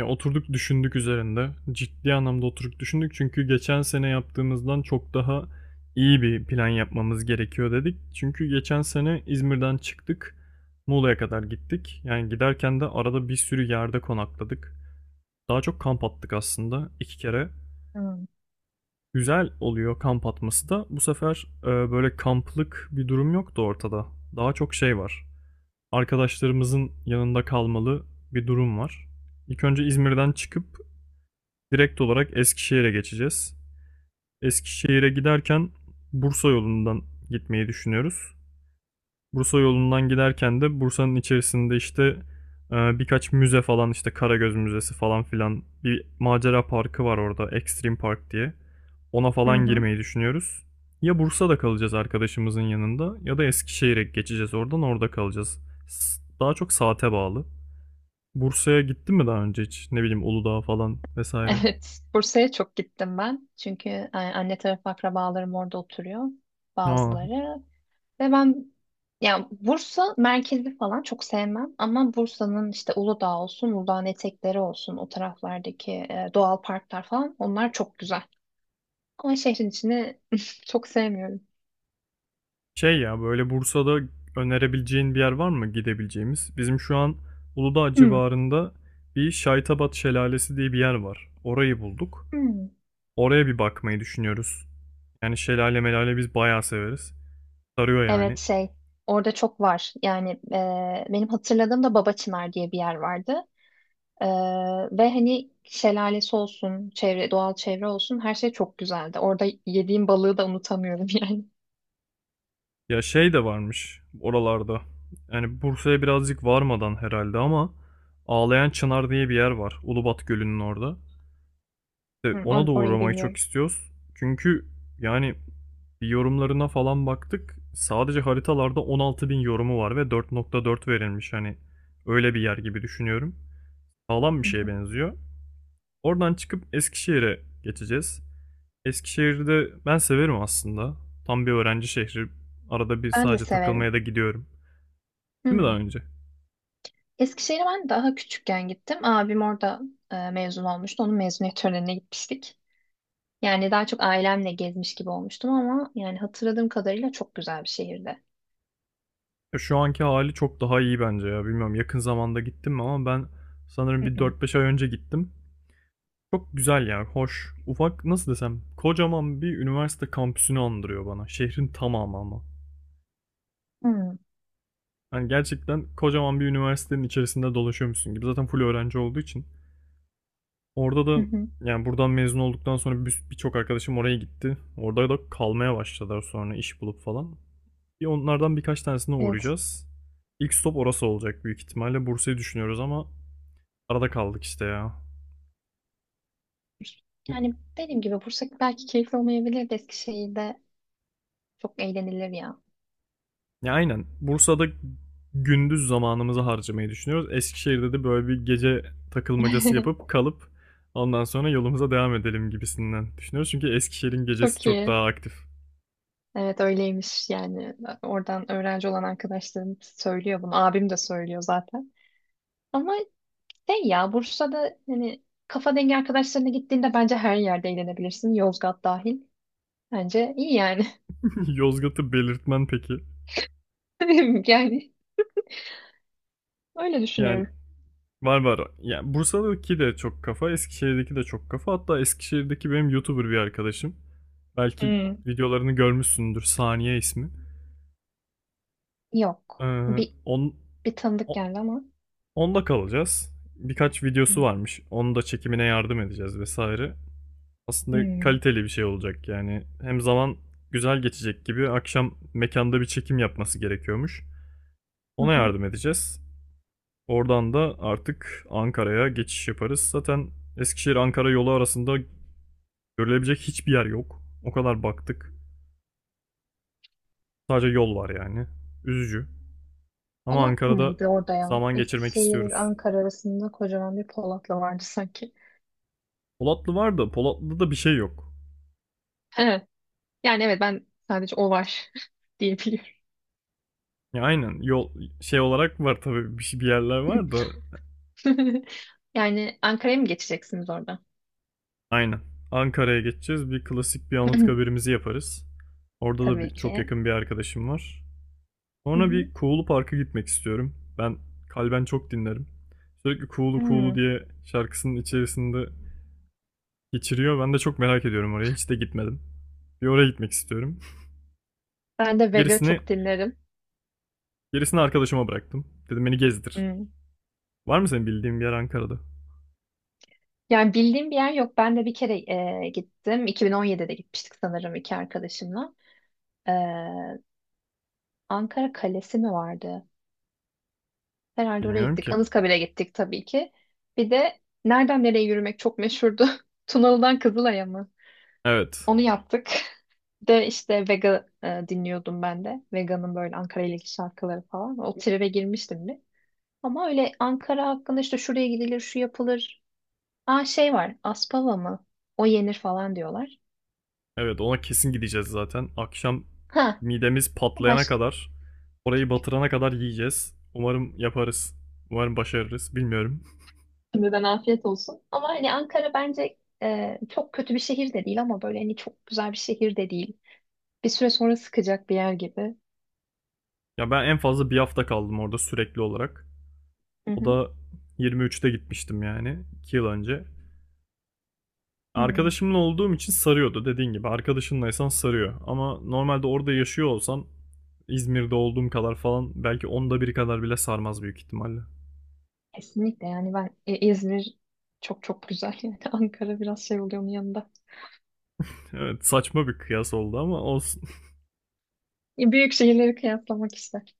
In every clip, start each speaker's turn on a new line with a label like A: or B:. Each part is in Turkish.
A: Ya oturduk düşündük üzerinde. Ciddi anlamda oturduk düşündük çünkü geçen sene yaptığımızdan çok daha iyi bir plan yapmamız gerekiyor dedik. Çünkü geçen sene İzmir'den çıktık. Muğla'ya kadar gittik. Yani giderken de arada bir sürü yerde konakladık. Daha çok kamp attık aslında 2 kere.
B: Hmm.
A: Güzel oluyor kamp atması da. Bu sefer böyle kamplık bir durum yoktu ortada. Daha çok şey var. Arkadaşlarımızın yanında kalmalı bir durum var. İlk önce İzmir'den çıkıp direkt olarak Eskişehir'e geçeceğiz. Eskişehir'e giderken Bursa yolundan gitmeyi düşünüyoruz. Bursa yolundan giderken de Bursa'nın içerisinde işte birkaç müze falan, işte Karagöz Müzesi falan filan, bir macera parkı var orada, Extreme Park diye. Ona
B: Hı
A: falan
B: hı.
A: girmeyi düşünüyoruz. Ya Bursa'da kalacağız arkadaşımızın yanında ya da Eskişehir'e geçeceğiz, oradan orada kalacağız. Daha çok saate bağlı. Bursa'ya gittin mi daha önce hiç? Ne bileyim, Uludağ falan vesaire.
B: Evet, Bursa'ya çok gittim ben. Çünkü anne tarafı akrabalarım orada oturuyor
A: Aa,
B: bazıları. Ve yani Bursa merkezi falan çok sevmem ama Bursa'nın işte Uludağ olsun, Uludağ'ın etekleri olsun, o taraflardaki doğal parklar falan onlar çok güzel. Ama şehrin içini çok sevmiyorum.
A: şey ya, böyle Bursa'da önerebileceğin bir yer var mı gidebileceğimiz? Bizim şu an Uludağ
B: Hmm.
A: civarında bir Şaytabat Şelalesi diye bir yer var. Orayı bulduk.
B: Hmm.
A: Oraya bir bakmayı düşünüyoruz. Yani şelale melale biz bayağı severiz. Sarıyor yani.
B: Evet şey orada çok var. Yani benim hatırladığım da Baba Çınar diye bir yer vardı. Ee, ve hani şelalesi olsun, çevre, doğal çevre olsun her şey çok güzeldi. Orada yediğim balığı da unutamıyorum yani.
A: Ya şey de varmış oralarda. Yani Bursa'ya birazcık varmadan herhalde ama Ağlayan Çınar diye bir yer var, Ulubat Gölü'nün orada. İşte
B: Hı,
A: ona da
B: orayı
A: uğramayı çok
B: bilmiyorum.
A: istiyoruz. Çünkü yani bir yorumlarına falan baktık. Sadece haritalarda 16.000 yorumu var ve 4,4 verilmiş. Hani öyle bir yer gibi düşünüyorum. Sağlam bir
B: Hı
A: şeye
B: hı.
A: benziyor. Oradan çıkıp Eskişehir'e geçeceğiz. Eskişehir'de ben severim aslında. Tam bir öğrenci şehri. Arada bir
B: Ben de
A: sadece
B: severim.
A: takılmaya da gidiyorum. Değil mi daha
B: Hı.
A: önce?
B: Eskişehir'e ben daha küçükken gittim. Abim orada mezun olmuştu. Onun mezuniyet törenine gitmiştik. Yani daha çok ailemle gezmiş gibi olmuştum ama yani hatırladığım kadarıyla çok güzel bir şehirdi.
A: Ya şu anki hali çok daha iyi bence ya. Bilmiyorum yakın zamanda gittim mi ama ben sanırım
B: Hı
A: bir
B: hı.
A: 4-5 ay önce gittim. Çok güzel ya, hoş. Ufak, nasıl desem, kocaman bir üniversite kampüsünü andırıyor bana. Şehrin tamamı ama.
B: Hı.
A: Yani gerçekten kocaman bir üniversitenin içerisinde dolaşıyormuşsun gibi. Zaten full öğrenci olduğu için. Orada
B: Hı
A: da
B: hı.
A: yani buradan mezun olduktan sonra birçok arkadaşım oraya gitti. Orada da kalmaya başladılar sonra, iş bulup falan. Bir onlardan birkaç tanesine
B: Evet.
A: uğrayacağız. İlk stop orası olacak büyük ihtimalle. Bursa'yı düşünüyoruz ama arada kaldık işte ya.
B: Yani dediğim gibi Bursa belki keyifli olmayabilir de Eskişehir'de çok eğlenilir ya.
A: Ya aynen. Bursa'da gündüz zamanımızı harcamayı düşünüyoruz. Eskişehir'de de böyle bir gece takılmacası yapıp kalıp ondan sonra yolumuza devam edelim gibisinden düşünüyoruz. Çünkü Eskişehir'in gecesi
B: Çok
A: çok
B: iyi.
A: daha aktif.
B: Evet öyleymiş yani oradan öğrenci olan arkadaşlarım söylüyor bunu abim de söylüyor zaten ama şey ya Bursa'da hani kafa dengi arkadaşlarına gittiğinde bence her yerde eğlenebilirsin Yozgat dahil bence iyi yani
A: Yozgat'ı belirtmen peki.
B: yani öyle
A: Yani
B: düşünüyorum.
A: var var. Yani Bursa'daki de çok kafa, Eskişehir'deki de çok kafa. Hatta Eskişehir'deki benim YouTuber bir arkadaşım. Belki
B: Hmm.
A: videolarını görmüşsündür. Saniye ismi.
B: Yok,
A: Ee,
B: bir
A: on,
B: bir tanıdık geldi ama.
A: Onda kalacağız. Birkaç videosu
B: Hmm.
A: varmış. Onu da, çekimine yardım edeceğiz vesaire. Aslında
B: Hmm.
A: kaliteli bir şey olacak yani. Hem zaman güzel geçecek gibi, akşam mekanda bir çekim yapması gerekiyormuş.
B: Hı
A: Ona
B: hı.
A: yardım edeceğiz. Oradan da artık Ankara'ya geçiş yaparız. Zaten Eskişehir-Ankara yolu arasında görülebilecek hiçbir yer yok. O kadar baktık. Sadece yol var yani. Üzücü. Ama
B: Polatlı
A: Ankara'da
B: mıydı orada ya?
A: zaman geçirmek
B: Eskişehir,
A: istiyoruz.
B: Ankara arasında kocaman bir Polatlı vardı sanki.
A: Polatlı var da Polatlı'da da bir şey yok.
B: He. Yani evet ben sadece o var diyebiliyorum.
A: Ya aynen, yol şey olarak var tabii, bir, bir yerler var da
B: Yani Ankara'ya mı geçeceksiniz orada?
A: aynen. Ankara'ya geçeceğiz. Bir klasik bir Anıtkabir'imizi yaparız. Orada da
B: Tabii
A: bir, çok
B: ki.
A: yakın bir arkadaşım var.
B: Hı
A: Sonra
B: hı.
A: bir Kuğulu Park'a gitmek istiyorum. Ben Kalben çok dinlerim. Sürekli Kuğulu Kuğulu
B: Hmm.
A: diye şarkısının içerisinde geçiriyor. Ben de çok merak ediyorum oraya. Hiç de gitmedim. Bir oraya gitmek istiyorum.
B: Ben de Vega
A: Gerisini
B: çok dinlerim.
A: gerisini arkadaşıma bıraktım. Dedim beni gezdir.
B: Hmm.
A: Var mı senin bildiğin bir yer Ankara'da?
B: Yani bildiğim bir yer yok. Ben de bir kere gittim. 2017'de gitmiştik sanırım iki arkadaşımla. E, Ankara Kalesi mi vardı? Herhalde oraya
A: Bilmiyorum
B: gittik.
A: ki.
B: Anıtkabir'e gittik tabii ki. Bir de nereden nereye yürümek çok meşhurdu. Tunalı'dan Kızılay'a mı?
A: Evet.
B: Onu yaptık. Bir de işte Vega dinliyordum ben de. Vega'nın böyle Ankara ile ilgili şarkıları falan. O tribe girmiştim. Ama öyle Ankara hakkında işte şuraya gidilir, şu yapılır. Aa şey var, Aspava mı? O yenir falan diyorlar.
A: Evet, ona kesin gideceğiz zaten. Akşam
B: Ha,
A: midemiz patlayana
B: başka.
A: kadar, orayı batırana kadar yiyeceğiz. Umarım yaparız. Umarım başarırız. Bilmiyorum.
B: Şimdiden afiyet olsun. Ama hani Ankara bence çok kötü bir şehir de değil ama böyle hani çok güzel bir şehir de değil. Bir süre sonra sıkacak bir yer gibi.
A: Ya ben en fazla bir hafta kaldım orada sürekli olarak.
B: Hı
A: O
B: hı.
A: da 23'te gitmiştim yani. 2 yıl önce.
B: Hmm.
A: Arkadaşımla olduğum için sarıyordu, dediğin gibi. Arkadaşınlaysan sarıyor. Ama normalde orada yaşıyor olsan İzmir'de olduğum kadar falan, belki onda bir kadar bile sarmaz büyük ihtimalle.
B: Kesinlikle yani ben İzmir çok çok güzel yani Ankara biraz şey oluyor onun yanında.
A: Evet, saçma bir kıyas oldu ama olsun.
B: E, büyük şehirleri kıyaslamak ister.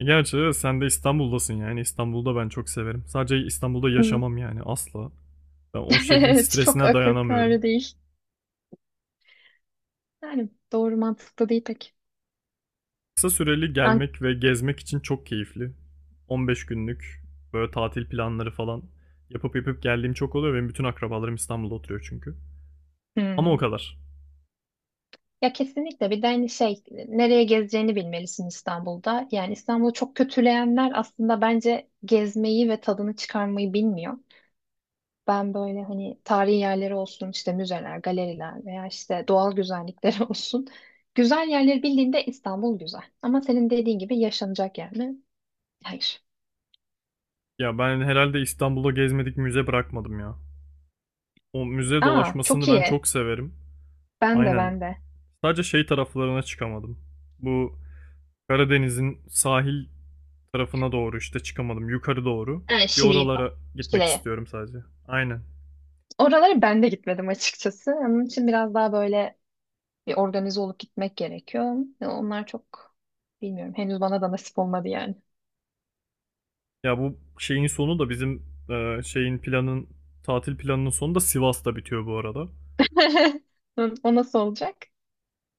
A: Gerçi sen de İstanbul'dasın yani. İstanbul'da ben çok severim. Sadece İstanbul'da
B: Hı.
A: yaşamam yani, asla. Ben o şehrin
B: Evet çok
A: stresine
B: akıl
A: dayanamıyorum.
B: kârı değil. Yani doğru mantıklı değil pek.
A: Kısa süreli
B: Ankara.
A: gelmek ve gezmek için çok keyifli. 15 günlük böyle tatil planları falan yapıp yapıp geldiğim çok oluyor. Benim bütün akrabalarım İstanbul'da oturuyor çünkü. Ama o
B: Hmm.
A: kadar.
B: Ya kesinlikle bir de hani şey nereye gezeceğini bilmelisin İstanbul'da. Yani İstanbul'u çok kötüleyenler aslında bence gezmeyi ve tadını çıkarmayı bilmiyor. Ben böyle hani tarihi yerleri olsun işte müzeler, galeriler veya işte doğal güzellikleri olsun. Güzel yerleri bildiğinde İstanbul güzel. Ama senin dediğin gibi yaşanacak yer mi? Hayır.
A: Ya ben herhalde İstanbul'da gezmedik müze bırakmadım ya. O müze
B: Aa
A: dolaşmasını
B: çok
A: ben
B: iyi.
A: çok severim.
B: Ben de
A: Aynen.
B: ben de.
A: Sadece şey taraflarına çıkamadım. Bu Karadeniz'in sahil tarafına doğru işte çıkamadım. Yukarı doğru.
B: Ha,
A: Bir
B: Şili'ye falan.
A: oralara gitmek
B: Şile'ye.
A: istiyorum sadece. Aynen.
B: Oralara ben de gitmedim açıkçası. Onun için biraz daha böyle bir organize olup gitmek gerekiyor. Ya onlar çok bilmiyorum. Henüz bana da nasip olmadı yani.
A: Ya bu şeyin sonu da bizim e, şeyin planın tatil planının sonu da Sivas'ta bitiyor bu arada.
B: O nasıl olacak?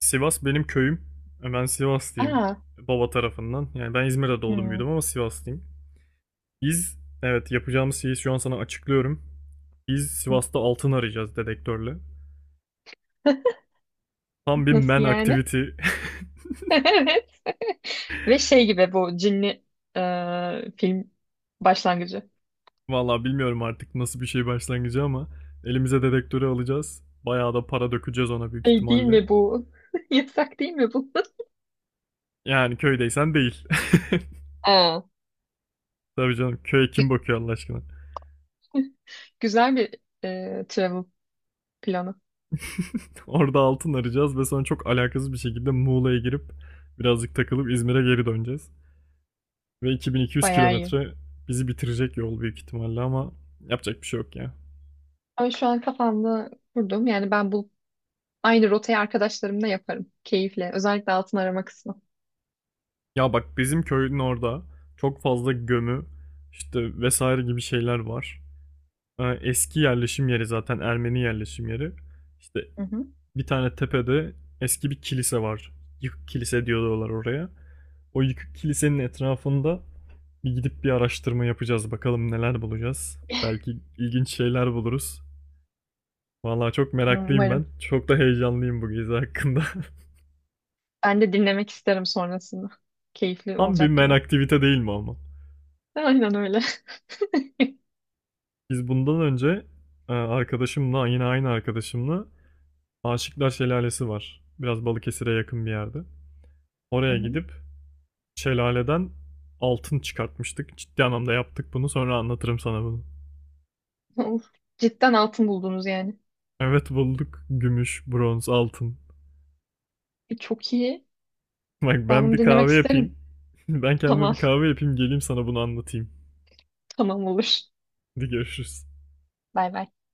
A: Sivas benim köyüm. Ben Sivaslıyım
B: Aa.
A: baba tarafından. Yani ben İzmir'de doğdum
B: Hmm.
A: büyüdüm ama Sivaslıyım. Biz, evet, yapacağımız şeyi şu an sana açıklıyorum. Biz
B: Hı.
A: Sivas'ta altın arayacağız, dedektörle. Tam bir
B: Nasıl
A: man
B: yani?
A: activity.
B: Evet. Ve şey gibi bu cinli film başlangıcı.
A: Vallahi bilmiyorum artık nasıl bir şey başlangıcı ama elimize dedektörü alacağız. Bayağı da para dökeceğiz ona büyük
B: Şey değil
A: ihtimalle.
B: mi bu? Yasak değil mi bu?
A: Yani köydeysen değil.
B: aa.
A: Tabii canım, köye kim
B: Gü-
A: bakıyor Allah aşkına?
B: Güzel bir travel planı.
A: Orada altın arayacağız ve sonra çok alakasız bir şekilde Muğla'ya girip birazcık takılıp İzmir'e geri döneceğiz. Ve 2200
B: Bayağı iyi.
A: kilometre bizi bitirecek yol büyük ihtimalle ama yapacak bir şey yok ya.
B: Ama şu an kafamda kurdum. Yani ben bu aynı rotayı arkadaşlarımla yaparım. Keyifle. Özellikle altın arama kısmı.
A: Ya bak, bizim köyün orada çok fazla gömü işte vesaire gibi şeyler var. Eski yerleşim yeri zaten, Ermeni yerleşim yeri. İşte
B: Hı hı.
A: bir tane tepede eski bir kilise var. Yıkık kilise diyorlar oraya. O yıkık kilisenin etrafında bir gidip bir araştırma yapacağız. Bakalım neler bulacağız. Belki ilginç şeyler buluruz. Vallahi çok meraklıyım ben.
B: Umarım.
A: Çok da heyecanlıyım bu gezi hakkında.
B: Ben de dinlemek isterim sonrasında. Keyifli
A: Tam bir
B: olacak
A: men
B: gibi.
A: aktivite değil mi ama?
B: Aynen öyle.
A: Biz bundan önce yine aynı arkadaşımla Aşıklar Şelalesi var. Biraz Balıkesir'e yakın bir yerde.
B: Hı
A: Oraya
B: hı.
A: gidip şelaleden altın çıkartmıştık. Ciddi anlamda yaptık bunu. Sonra anlatırım sana bunu.
B: Of, cidden altın buldunuz yani.
A: Evet, bulduk. Gümüş, bronz, altın.
B: E, çok iyi.
A: Bak
B: Ben
A: ben
B: bunu
A: bir
B: dinlemek
A: kahve yapayım.
B: isterim.
A: Ben kendime
B: Tamam,
A: bir kahve yapayım, geleyim sana bunu anlatayım.
B: tamam olur.
A: Hadi görüşürüz.
B: Bay bay.